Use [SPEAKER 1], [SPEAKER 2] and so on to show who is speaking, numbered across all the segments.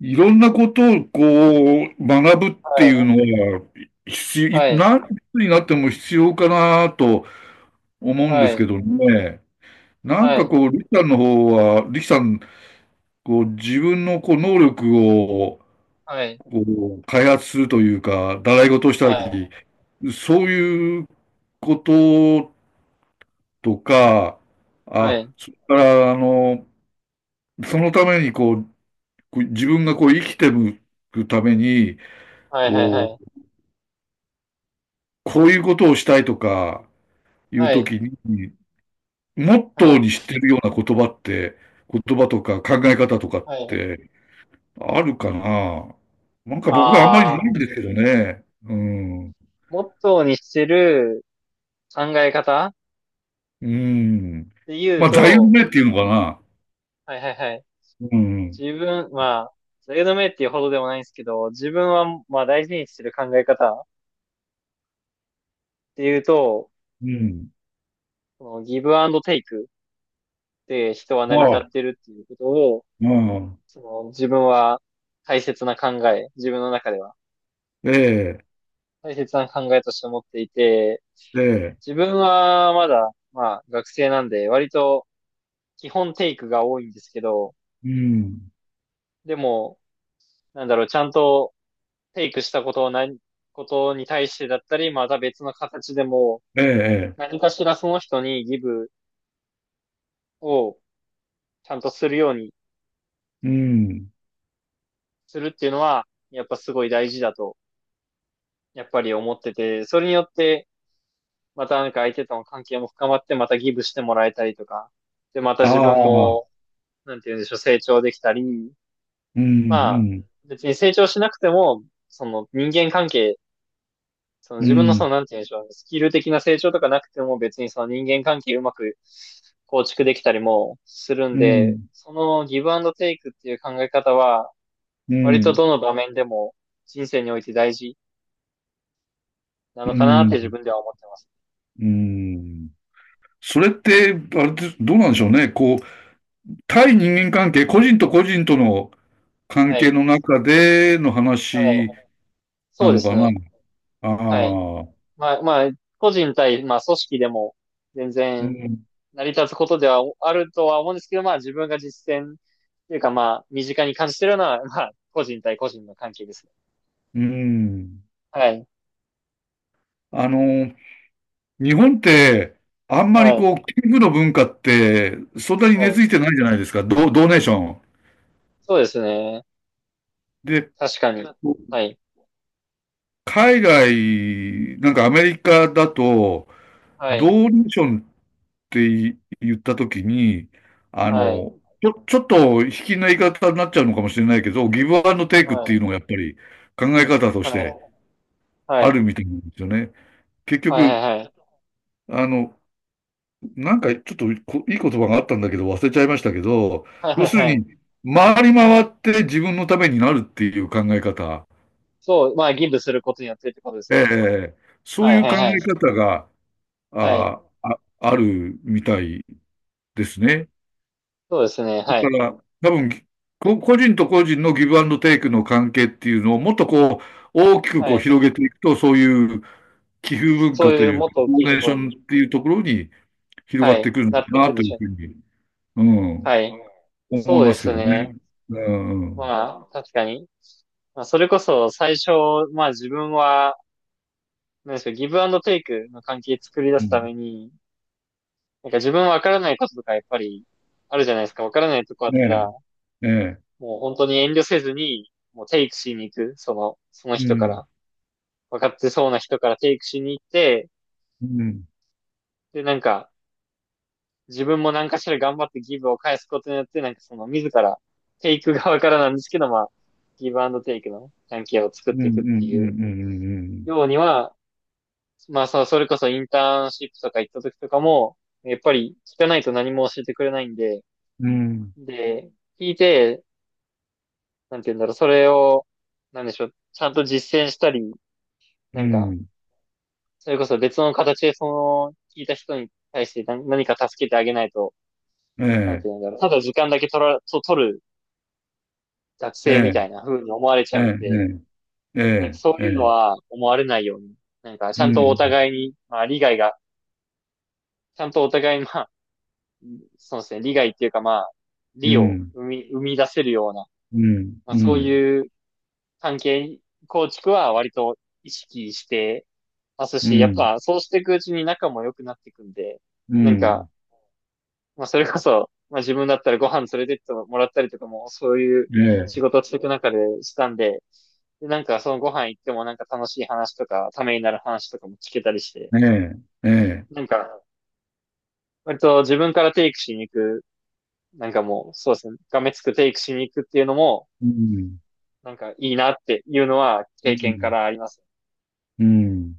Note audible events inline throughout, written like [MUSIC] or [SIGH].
[SPEAKER 1] いろんなことを学ぶって
[SPEAKER 2] は
[SPEAKER 1] いう
[SPEAKER 2] い、
[SPEAKER 1] のは、必要、
[SPEAKER 2] はい、
[SPEAKER 1] 何歳になっても必要かなと思うんで
[SPEAKER 2] は
[SPEAKER 1] す
[SPEAKER 2] い、
[SPEAKER 1] けどね。
[SPEAKER 2] はい、
[SPEAKER 1] リキさんの方は、リキさん、自分の能力を、
[SPEAKER 2] はい、
[SPEAKER 1] こ開発するというか、習い事をしたり、
[SPEAKER 2] は
[SPEAKER 1] そういうこととか、あ、
[SPEAKER 2] い、
[SPEAKER 1] それから、あの、そのために自分が生きていくために、
[SPEAKER 2] はい、はい、は
[SPEAKER 1] こ
[SPEAKER 2] い、
[SPEAKER 1] う、こういうことをしたいとかいう
[SPEAKER 2] は
[SPEAKER 1] と
[SPEAKER 2] い、
[SPEAKER 1] きに、モットーに
[SPEAKER 2] は
[SPEAKER 1] してるような言葉とか考え方とかっ
[SPEAKER 2] い、はい。
[SPEAKER 1] てあるかな。僕はあんまりな
[SPEAKER 2] あ
[SPEAKER 1] いん
[SPEAKER 2] あ、
[SPEAKER 1] ですけどね。うん。
[SPEAKER 2] モットーにしてる考え方っ
[SPEAKER 1] うん。
[SPEAKER 2] て言う
[SPEAKER 1] まあ、座右の
[SPEAKER 2] と、
[SPEAKER 1] 銘っていうのかな。
[SPEAKER 2] はい、はい、はい。
[SPEAKER 1] うん。
[SPEAKER 2] 自分、まあ、トレードメっていうほどでもないんですけど、自分は、まあ、大事にしてる考え方っていうと、
[SPEAKER 1] うん。
[SPEAKER 2] そのギブアンドテイクで人は成り立
[SPEAKER 1] ああ、
[SPEAKER 2] ってるっていうことを、
[SPEAKER 1] うん。
[SPEAKER 2] その自分は大切な考え、自分の中では
[SPEAKER 1] ええ、
[SPEAKER 2] 大切な考えとして持っていて、
[SPEAKER 1] ええ、
[SPEAKER 2] 自分はまだ、まあ学生なんで、割と基本テイクが多いんですけど、
[SPEAKER 1] うん。
[SPEAKER 2] でも、なんだろう、ちゃんとテイクしたことをことに対してだったり、また別の形でも、
[SPEAKER 1] ええ、え
[SPEAKER 2] 何かしらその人にギブをちゃんとするように
[SPEAKER 1] え、うん。
[SPEAKER 2] するっていうのは、やっぱすごい大事だと、やっぱり思ってて、それによって、またなんか相手との関係も深まって、またギブしてもらえたりとか、で、また
[SPEAKER 1] あ
[SPEAKER 2] 自分
[SPEAKER 1] あ、
[SPEAKER 2] も、なんて言うんでしょう、成長できたり、
[SPEAKER 1] うん、
[SPEAKER 2] まあ、
[SPEAKER 1] うん、
[SPEAKER 2] 別に成長しなくても、その人間関係、その
[SPEAKER 1] う
[SPEAKER 2] 自分のそ
[SPEAKER 1] ん、
[SPEAKER 2] の、なんて言うんでしょう、スキル的な成長とかなくても別にその人間関係うまく構築できたりもするん
[SPEAKER 1] う
[SPEAKER 2] で、
[SPEAKER 1] ん、
[SPEAKER 2] そのギブアンドテイクっていう考え方は、
[SPEAKER 1] う
[SPEAKER 2] 割と
[SPEAKER 1] ん、
[SPEAKER 2] どの場面でも人生において大事なの
[SPEAKER 1] う
[SPEAKER 2] かなって
[SPEAKER 1] ん、
[SPEAKER 2] 自分では思ってます。
[SPEAKER 1] うん。それって、あれです、どうなんでしょうね。こう、対人間関係、個人と個人との関
[SPEAKER 2] は
[SPEAKER 1] 係
[SPEAKER 2] い。
[SPEAKER 1] の中での
[SPEAKER 2] は
[SPEAKER 1] 話
[SPEAKER 2] い。そ
[SPEAKER 1] な
[SPEAKER 2] うで
[SPEAKER 1] の
[SPEAKER 2] す
[SPEAKER 1] かな。
[SPEAKER 2] ね。
[SPEAKER 1] あ
[SPEAKER 2] はい。
[SPEAKER 1] あ、
[SPEAKER 2] まあ、まあ、個人対、まあ、組織でも、全
[SPEAKER 1] う
[SPEAKER 2] 然、
[SPEAKER 1] ん、
[SPEAKER 2] 成り立つことではあるとは思うんですけど、まあ、自分が実践、というか、まあ、身近に感じてるのは、[LAUGHS] まあ、個人対個人の関係ですね。
[SPEAKER 1] うん。
[SPEAKER 2] はい。
[SPEAKER 1] あの、日本って、あんまり
[SPEAKER 2] はい。
[SPEAKER 1] こう、寄付の文化って、そんなに
[SPEAKER 2] は
[SPEAKER 1] 根
[SPEAKER 2] い。
[SPEAKER 1] 付いてないじゃないですか。ド、ドネーション。
[SPEAKER 2] そうですね。
[SPEAKER 1] で、
[SPEAKER 2] 確かに。はい。
[SPEAKER 1] 海外、なんかアメリカだと、
[SPEAKER 2] は
[SPEAKER 1] ド
[SPEAKER 2] い。
[SPEAKER 1] ーネーションって言ったときに、
[SPEAKER 2] はい。
[SPEAKER 1] ちょ、ちょっと卑近な言い方になっちゃうのかもしれないけど、ギブアンドテイクっ
[SPEAKER 2] は
[SPEAKER 1] ていうの
[SPEAKER 2] い。
[SPEAKER 1] がやっぱり考え方と
[SPEAKER 2] は
[SPEAKER 1] して
[SPEAKER 2] い。は
[SPEAKER 1] あ
[SPEAKER 2] い。
[SPEAKER 1] るみたいなんですよね。結
[SPEAKER 2] はい。
[SPEAKER 1] 局、
[SPEAKER 2] はい。
[SPEAKER 1] あの、なんかちょっとこいい言葉があったんだけど忘れちゃいましたけど、
[SPEAKER 2] はい。
[SPEAKER 1] 要
[SPEAKER 2] はい。
[SPEAKER 1] する
[SPEAKER 2] はい。
[SPEAKER 1] に、回り回って自分のためになるっていう考え方、
[SPEAKER 2] そう、まあ、ギブすることによってってことです
[SPEAKER 1] え
[SPEAKER 2] よね。
[SPEAKER 1] え、そ
[SPEAKER 2] は
[SPEAKER 1] うい
[SPEAKER 2] い。
[SPEAKER 1] う
[SPEAKER 2] は
[SPEAKER 1] 考
[SPEAKER 2] い。
[SPEAKER 1] え
[SPEAKER 2] はい。
[SPEAKER 1] 方が、
[SPEAKER 2] はい。
[SPEAKER 1] あ、あ、あるみたいですね。
[SPEAKER 2] そうですね。は
[SPEAKER 1] だ
[SPEAKER 2] い。
[SPEAKER 1] から、多分、こ個人と個人のギブアンドテイクの関係っていうのをもっとこう、大きく
[SPEAKER 2] は
[SPEAKER 1] こう
[SPEAKER 2] い。
[SPEAKER 1] 広げていくと、そういう寄付文
[SPEAKER 2] そ
[SPEAKER 1] 化
[SPEAKER 2] う
[SPEAKER 1] と
[SPEAKER 2] いう
[SPEAKER 1] いう
[SPEAKER 2] もっ
[SPEAKER 1] か、
[SPEAKER 2] と大
[SPEAKER 1] ド
[SPEAKER 2] きいと
[SPEAKER 1] ネー
[SPEAKER 2] こ
[SPEAKER 1] ショ
[SPEAKER 2] ろ
[SPEAKER 1] ン
[SPEAKER 2] に、
[SPEAKER 1] っていうところに広
[SPEAKER 2] は
[SPEAKER 1] がって
[SPEAKER 2] い。
[SPEAKER 1] くる
[SPEAKER 2] な
[SPEAKER 1] の
[SPEAKER 2] って
[SPEAKER 1] か
[SPEAKER 2] い
[SPEAKER 1] な
[SPEAKER 2] くん
[SPEAKER 1] と
[SPEAKER 2] で
[SPEAKER 1] い
[SPEAKER 2] し
[SPEAKER 1] う
[SPEAKER 2] ょう。
[SPEAKER 1] ふうに、うん、
[SPEAKER 2] はい。
[SPEAKER 1] 思
[SPEAKER 2] そ
[SPEAKER 1] い
[SPEAKER 2] うで
[SPEAKER 1] ますけ
[SPEAKER 2] す
[SPEAKER 1] どね。
[SPEAKER 2] ね。
[SPEAKER 1] うん、うん、
[SPEAKER 2] まあ、確かに。まあ、それこそ最初、まあ自分は、なんでしょう、ギブアンドテイクの関係作り出
[SPEAKER 1] う
[SPEAKER 2] すた
[SPEAKER 1] ん。
[SPEAKER 2] めに、なんか自分わからないこととかやっぱりあるじゃないですか。わからないとこあった
[SPEAKER 1] ね
[SPEAKER 2] ら、
[SPEAKER 1] え、ええ、
[SPEAKER 2] もう本当に遠慮せずに、もうテイクしに行く。その、その
[SPEAKER 1] う
[SPEAKER 2] 人か
[SPEAKER 1] ん、
[SPEAKER 2] ら。わかってそうな人からテイクしに行って、
[SPEAKER 1] うん、
[SPEAKER 2] で、なんか、自分も何かしら頑張ってギブを返すことによって、なんかその自ら、テイク側からなんですけど、まあ、ギブアンドテイクの関係を作っ
[SPEAKER 1] うん、うん、
[SPEAKER 2] て
[SPEAKER 1] う
[SPEAKER 2] いくっていう
[SPEAKER 1] ん、
[SPEAKER 2] ようには、まあ、それこそインターンシップとか行った時とかも、やっぱり聞かないと何も教えてくれないんで、
[SPEAKER 1] うん、うん、うん、
[SPEAKER 2] で、聞いて、なんて言うんだろう、それを、なんでしょう、ちゃんと実践したり、
[SPEAKER 1] う
[SPEAKER 2] なんか、
[SPEAKER 1] ん、
[SPEAKER 2] それこそ別の形でその、聞いた人に対して何か助けてあげないと、
[SPEAKER 1] え
[SPEAKER 2] なんて
[SPEAKER 1] え、
[SPEAKER 2] 言うんだろう、ただ時間だけと取る学
[SPEAKER 1] え
[SPEAKER 2] 生み
[SPEAKER 1] え、
[SPEAKER 2] たいな風に思われち
[SPEAKER 1] え
[SPEAKER 2] ゃう
[SPEAKER 1] え、
[SPEAKER 2] んで、
[SPEAKER 1] え
[SPEAKER 2] なん
[SPEAKER 1] え、
[SPEAKER 2] かそう
[SPEAKER 1] え
[SPEAKER 2] いうの
[SPEAKER 1] え、
[SPEAKER 2] は思われないように、なんかち
[SPEAKER 1] う
[SPEAKER 2] ゃんとお
[SPEAKER 1] ん、
[SPEAKER 2] 互いに、まあ理解が、ちゃんとお互いにまあそうですね、利害っていうかまあ、
[SPEAKER 1] う
[SPEAKER 2] 利を
[SPEAKER 1] ん、
[SPEAKER 2] 生み出せるような、
[SPEAKER 1] うん、
[SPEAKER 2] まあ
[SPEAKER 1] う
[SPEAKER 2] そう
[SPEAKER 1] ん、
[SPEAKER 2] いう関係構築は割と意識してます
[SPEAKER 1] う
[SPEAKER 2] し、やっ
[SPEAKER 1] ん。
[SPEAKER 2] ぱそうしていくうちに仲も良くなっていくんで、
[SPEAKER 1] う
[SPEAKER 2] なんか、
[SPEAKER 1] ん。
[SPEAKER 2] まあそれこそ、まあ自分だったらご飯連れてってもらったりとかも、そういう
[SPEAKER 1] え
[SPEAKER 2] 仕
[SPEAKER 1] え、
[SPEAKER 2] 事をしていく中でしたんで、で、なんかそのご飯行ってもなんか楽しい話とか、ためになる話とかも聞けたりして、
[SPEAKER 1] ええ、ええ。
[SPEAKER 2] なんか、割と自分からテイクしに行くなんかもう、そうですね。がめつくテイクしに行くっていうのも、
[SPEAKER 1] うん、
[SPEAKER 2] なんかいいなっていうのは
[SPEAKER 1] う
[SPEAKER 2] 経験か
[SPEAKER 1] ん、
[SPEAKER 2] らあります。
[SPEAKER 1] うん。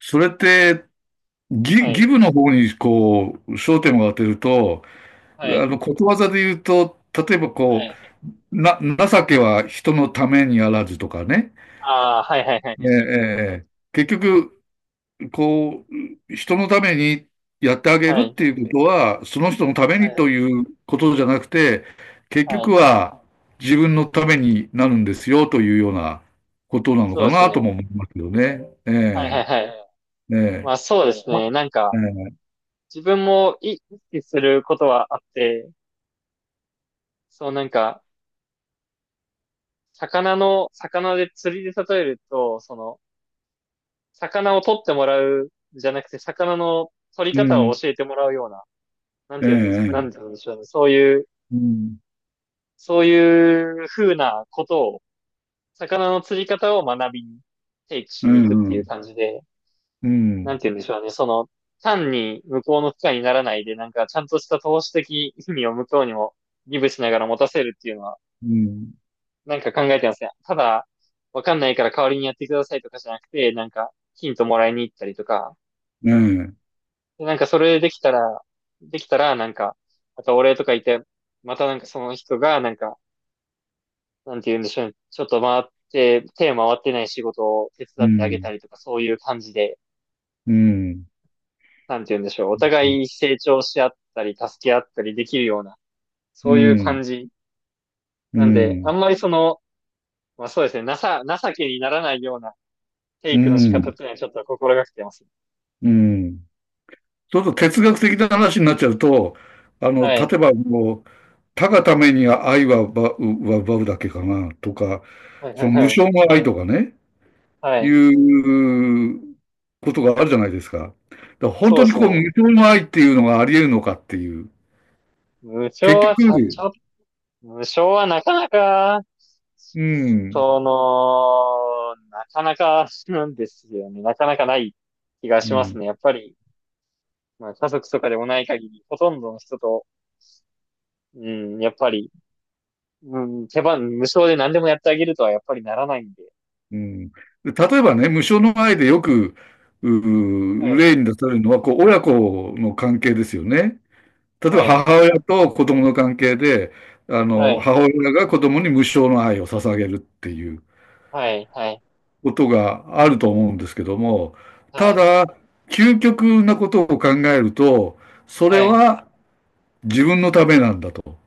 [SPEAKER 1] それって、ギ、
[SPEAKER 2] は
[SPEAKER 1] ギ
[SPEAKER 2] い。
[SPEAKER 1] ブの方に、こう、焦点を当てると、
[SPEAKER 2] は
[SPEAKER 1] あ
[SPEAKER 2] い。
[SPEAKER 1] の、ことわざで言うと、例えば
[SPEAKER 2] は
[SPEAKER 1] こ
[SPEAKER 2] い。
[SPEAKER 1] う、な、情けは人のためにあらずとかね。
[SPEAKER 2] ああ、はいはいは
[SPEAKER 1] ええ、
[SPEAKER 2] い
[SPEAKER 1] え
[SPEAKER 2] はい。
[SPEAKER 1] え、ええ。結局、こう、人のためにやってあげ
[SPEAKER 2] は
[SPEAKER 1] るっ
[SPEAKER 2] い。
[SPEAKER 1] ていうことは、その人のため
[SPEAKER 2] は
[SPEAKER 1] に
[SPEAKER 2] い
[SPEAKER 1] ということじゃなくて、結
[SPEAKER 2] は
[SPEAKER 1] 局
[SPEAKER 2] い。
[SPEAKER 1] は自分のためになるんですよというようなことなの
[SPEAKER 2] そう
[SPEAKER 1] か
[SPEAKER 2] です
[SPEAKER 1] なとも
[SPEAKER 2] ね。
[SPEAKER 1] 思いますよね。
[SPEAKER 2] はいは
[SPEAKER 1] え
[SPEAKER 2] いはい。
[SPEAKER 1] え、え
[SPEAKER 2] ま
[SPEAKER 1] え、
[SPEAKER 2] あそうです
[SPEAKER 1] あ
[SPEAKER 2] ね。なんか、
[SPEAKER 1] ええ、
[SPEAKER 2] 自分も意識することはあって、そうなんか、魚の、魚で釣りで例えると、その、魚を取ってもらうじゃなくて、魚の取り
[SPEAKER 1] う
[SPEAKER 2] 方を
[SPEAKER 1] ん、
[SPEAKER 2] 教えてもらうような、なん
[SPEAKER 1] え
[SPEAKER 2] ていうんです、な
[SPEAKER 1] え、え
[SPEAKER 2] んてい
[SPEAKER 1] え
[SPEAKER 2] うんでしょうね。そういう
[SPEAKER 1] うん、
[SPEAKER 2] そういう風なことを、魚の釣り方を学びに、提起し
[SPEAKER 1] え
[SPEAKER 2] に行くっていう
[SPEAKER 1] え、
[SPEAKER 2] 感じで、
[SPEAKER 1] う
[SPEAKER 2] なん
[SPEAKER 1] ん、
[SPEAKER 2] て言うんでしょうね。その、単に向こうの負荷にならないで、なんかちゃんとした投資的意味を向こうにもギブしながら持たせるっていうのは、
[SPEAKER 1] うん、うん、
[SPEAKER 2] なんか考えてますね。ただ、わかんないから代わりにやってくださいとかじゃなくて、なんか、ヒントもらいに行ったりとか、
[SPEAKER 1] ええ、う
[SPEAKER 2] でなんかそれできたら、できたら、なんか、またお礼とか言って、またなんかその人が、なんか、なんて言うんでしょうね。ちょっと回って、手を回ってない仕事を手伝ってあげた
[SPEAKER 1] ん、
[SPEAKER 2] りとか、そういう感じで、
[SPEAKER 1] うん、
[SPEAKER 2] なんて言うんでしょう。お互い成長し合ったり、助け合ったりできるような、
[SPEAKER 1] うん、
[SPEAKER 2] そういう
[SPEAKER 1] うん、
[SPEAKER 2] 感じ。
[SPEAKER 1] う
[SPEAKER 2] なんで、あ
[SPEAKER 1] ん、
[SPEAKER 2] んまりその、まあそうですね、情けにならないようなテ
[SPEAKER 1] う
[SPEAKER 2] イクの仕方っ
[SPEAKER 1] ん、
[SPEAKER 2] ていうのはちょっと心がけてます。
[SPEAKER 1] うん。ちょっと哲学的な話になっちゃうと、
[SPEAKER 2] は
[SPEAKER 1] 例
[SPEAKER 2] い。
[SPEAKER 1] えばもう、他がために愛は奪うは奪うだけかな、とか、
[SPEAKER 2] はいは
[SPEAKER 1] そ
[SPEAKER 2] い
[SPEAKER 1] の無
[SPEAKER 2] はい。
[SPEAKER 1] 償の愛とかね、
[SPEAKER 2] は
[SPEAKER 1] い
[SPEAKER 2] い。
[SPEAKER 1] うことがあるじゃないですか。だから本
[SPEAKER 2] そ
[SPEAKER 1] 当
[SPEAKER 2] う
[SPEAKER 1] に
[SPEAKER 2] です
[SPEAKER 1] こう、無
[SPEAKER 2] ね。
[SPEAKER 1] 償の愛っていうのがあり得るのかっていう。
[SPEAKER 2] 無償
[SPEAKER 1] 結
[SPEAKER 2] はちゃ
[SPEAKER 1] 局、
[SPEAKER 2] ちゃ無償はなかなか、
[SPEAKER 1] うん、
[SPEAKER 2] その、なかなかなんですよね。なかなかない気が
[SPEAKER 1] う
[SPEAKER 2] します
[SPEAKER 1] ん、
[SPEAKER 2] ね。やっぱり、まあ、家族とかでもない限り、ほとんどの人と、うん、やっぱり、うん、手番無償で何でもやってあげるとはやっぱりならないんで。
[SPEAKER 1] うん。例えばね、無償の愛でよく、
[SPEAKER 2] は
[SPEAKER 1] う、
[SPEAKER 2] い、
[SPEAKER 1] 例に出されるのは、こう、親子の関係ですよね。例え
[SPEAKER 2] は
[SPEAKER 1] ば
[SPEAKER 2] い、
[SPEAKER 1] 母親と子供の関係で、あ
[SPEAKER 2] は
[SPEAKER 1] の、
[SPEAKER 2] い、
[SPEAKER 1] 母親が子供に無償の愛を捧げるっていう
[SPEAKER 2] はい、はい、
[SPEAKER 1] ことがあると思うんですけども、
[SPEAKER 2] は
[SPEAKER 1] た
[SPEAKER 2] い、
[SPEAKER 1] だ、究極なことを考えると、それ
[SPEAKER 2] はい。
[SPEAKER 1] は自分のためなんだと。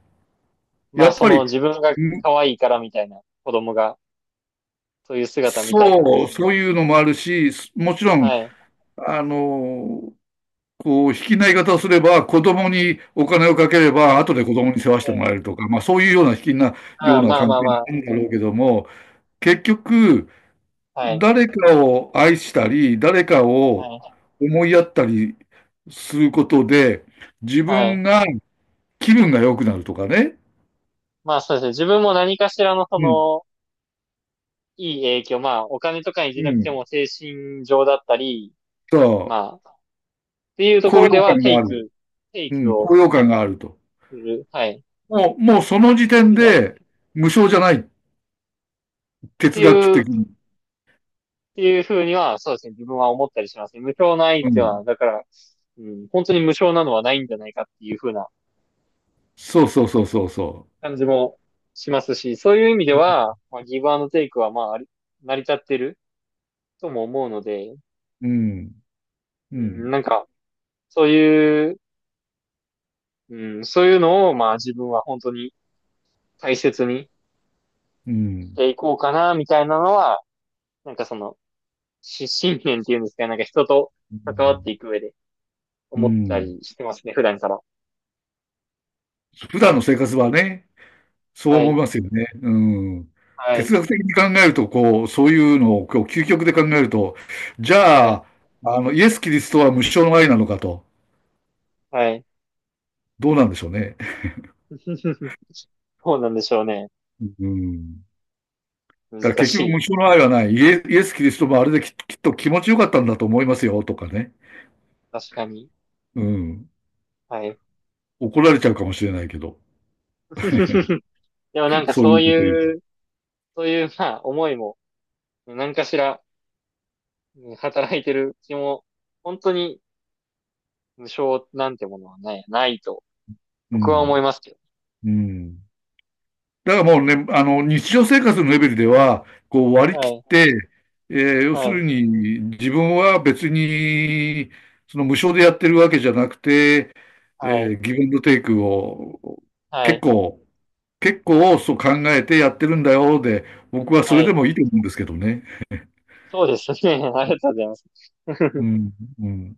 [SPEAKER 2] ま
[SPEAKER 1] や
[SPEAKER 2] あ、
[SPEAKER 1] っ
[SPEAKER 2] そ
[SPEAKER 1] ぱ
[SPEAKER 2] の
[SPEAKER 1] り、
[SPEAKER 2] 自分が
[SPEAKER 1] む
[SPEAKER 2] 可愛いからみたいな、子供が、そういう姿見たいからみたい
[SPEAKER 1] そういうのもあるし、すもちろ
[SPEAKER 2] な。
[SPEAKER 1] ん、
[SPEAKER 2] はい。
[SPEAKER 1] あの、卑近な言い方をすれば、子供にお金をかけれ
[SPEAKER 2] はい。
[SPEAKER 1] ば、後で子供に世話して
[SPEAKER 2] は
[SPEAKER 1] も
[SPEAKER 2] い
[SPEAKER 1] らえるとか、まあそういうような卑近な
[SPEAKER 2] あ
[SPEAKER 1] よう
[SPEAKER 2] あ、
[SPEAKER 1] な
[SPEAKER 2] まあ
[SPEAKER 1] 関
[SPEAKER 2] ま
[SPEAKER 1] 係
[SPEAKER 2] あ
[SPEAKER 1] に
[SPEAKER 2] ま
[SPEAKER 1] なるんだろうけども、結局、
[SPEAKER 2] あ。はい。
[SPEAKER 1] 誰かを愛したり、誰か
[SPEAKER 2] は
[SPEAKER 1] を
[SPEAKER 2] い。
[SPEAKER 1] 思いやったりすることで、自
[SPEAKER 2] はい。
[SPEAKER 1] 分が気分が良くなるとかね。
[SPEAKER 2] まあそうですね。自分も何かしらのそ
[SPEAKER 1] うん、
[SPEAKER 2] の、いい影響、まあお金とかにじ
[SPEAKER 1] う
[SPEAKER 2] ゃなくて
[SPEAKER 1] ん。
[SPEAKER 2] も精神上だったり、
[SPEAKER 1] そう。
[SPEAKER 2] まあ、っていうとこ
[SPEAKER 1] 高
[SPEAKER 2] ろで
[SPEAKER 1] 揚
[SPEAKER 2] は
[SPEAKER 1] 感
[SPEAKER 2] テ
[SPEAKER 1] が
[SPEAKER 2] イ
[SPEAKER 1] ある。
[SPEAKER 2] ク、テイ
[SPEAKER 1] う
[SPEAKER 2] ク
[SPEAKER 1] ん、
[SPEAKER 2] を
[SPEAKER 1] 高揚感があると。
[SPEAKER 2] する。はい。っ
[SPEAKER 1] もうその時点
[SPEAKER 2] ていうのは、っ
[SPEAKER 1] で、無償じゃない。哲
[SPEAKER 2] て
[SPEAKER 1] 学
[SPEAKER 2] いう、っ
[SPEAKER 1] 的に。
[SPEAKER 2] ていうふうには、そうですね。自分は思ったりしますね。無償の愛
[SPEAKER 1] う
[SPEAKER 2] っていうの
[SPEAKER 1] ん。
[SPEAKER 2] は、だから、うん、本当に無償なのはないんじゃないかっていうふうな
[SPEAKER 1] そうそうそうそうそ
[SPEAKER 2] 感じもしますし、そういう意味で
[SPEAKER 1] う。
[SPEAKER 2] は、まあ、ギブアンドテイクは、まあ、あり成り立ってるとも思うので、
[SPEAKER 1] うん。う
[SPEAKER 2] うん、
[SPEAKER 1] ん。
[SPEAKER 2] なんか、そういううん、そういうのを、まあ自分は本当に大切に
[SPEAKER 1] う
[SPEAKER 2] し
[SPEAKER 1] ん。
[SPEAKER 2] ていこうかな、みたいなのは、なんかその、信念っていうんですかね、なんか人と
[SPEAKER 1] う
[SPEAKER 2] 関わっ
[SPEAKER 1] ん。
[SPEAKER 2] ていく上で
[SPEAKER 1] う
[SPEAKER 2] 思った
[SPEAKER 1] ん。
[SPEAKER 2] りしてますね、普段から。
[SPEAKER 1] 普段の生活はね、そう
[SPEAKER 2] は
[SPEAKER 1] 思い
[SPEAKER 2] い、
[SPEAKER 1] ますよね。うん。
[SPEAKER 2] は
[SPEAKER 1] 哲
[SPEAKER 2] い、
[SPEAKER 1] 学的に考えると、こう、そういうのを、こう、究極で考えると、じ
[SPEAKER 2] は
[SPEAKER 1] ゃ
[SPEAKER 2] い、
[SPEAKER 1] あ、あの、イエス・キリストは無償の愛なのかと、
[SPEAKER 2] はい。
[SPEAKER 1] どうなんでしょうね。
[SPEAKER 2] [LAUGHS] そうなんでしょうね。
[SPEAKER 1] うん。だから
[SPEAKER 2] 難
[SPEAKER 1] 結
[SPEAKER 2] し
[SPEAKER 1] 局無
[SPEAKER 2] い。
[SPEAKER 1] 償の愛はない。イエ、イエス・キリストもあれでき、きっと気持ちよかったんだと思いますよ、とかね。
[SPEAKER 2] 確かに。
[SPEAKER 1] うん。
[SPEAKER 2] はい。
[SPEAKER 1] 怒られちゃうかもしれないけど、
[SPEAKER 2] [LAUGHS] でもなんか
[SPEAKER 1] そうい
[SPEAKER 2] そう
[SPEAKER 1] うこと言
[SPEAKER 2] い
[SPEAKER 1] う。
[SPEAKER 2] う、そういう、まあ、思いも、何かしら、うん働いてる気も、本当に無償なんてものはない、ないと、
[SPEAKER 1] う
[SPEAKER 2] 僕は
[SPEAKER 1] ん。
[SPEAKER 2] 思いますけ
[SPEAKER 1] うん。だからもうね、あの、日常生活のレベルでは、こう割
[SPEAKER 2] ど。
[SPEAKER 1] り
[SPEAKER 2] は
[SPEAKER 1] 切っ
[SPEAKER 2] い、
[SPEAKER 1] て、えー要
[SPEAKER 2] は
[SPEAKER 1] する
[SPEAKER 2] い。
[SPEAKER 1] に自分は別に、その無償でやってるわけじゃなくて、え
[SPEAKER 2] はい。
[SPEAKER 1] ギブアンドテイクを
[SPEAKER 2] は
[SPEAKER 1] 結
[SPEAKER 2] い。
[SPEAKER 1] 構、結構そう考えてやってるんだよで、僕はそ
[SPEAKER 2] は
[SPEAKER 1] れで
[SPEAKER 2] い。
[SPEAKER 1] もいいと思うんですけどね。
[SPEAKER 2] そうですね。[LAUGHS] ありがとうございます。
[SPEAKER 1] う
[SPEAKER 2] [LAUGHS]
[SPEAKER 1] ん、うん。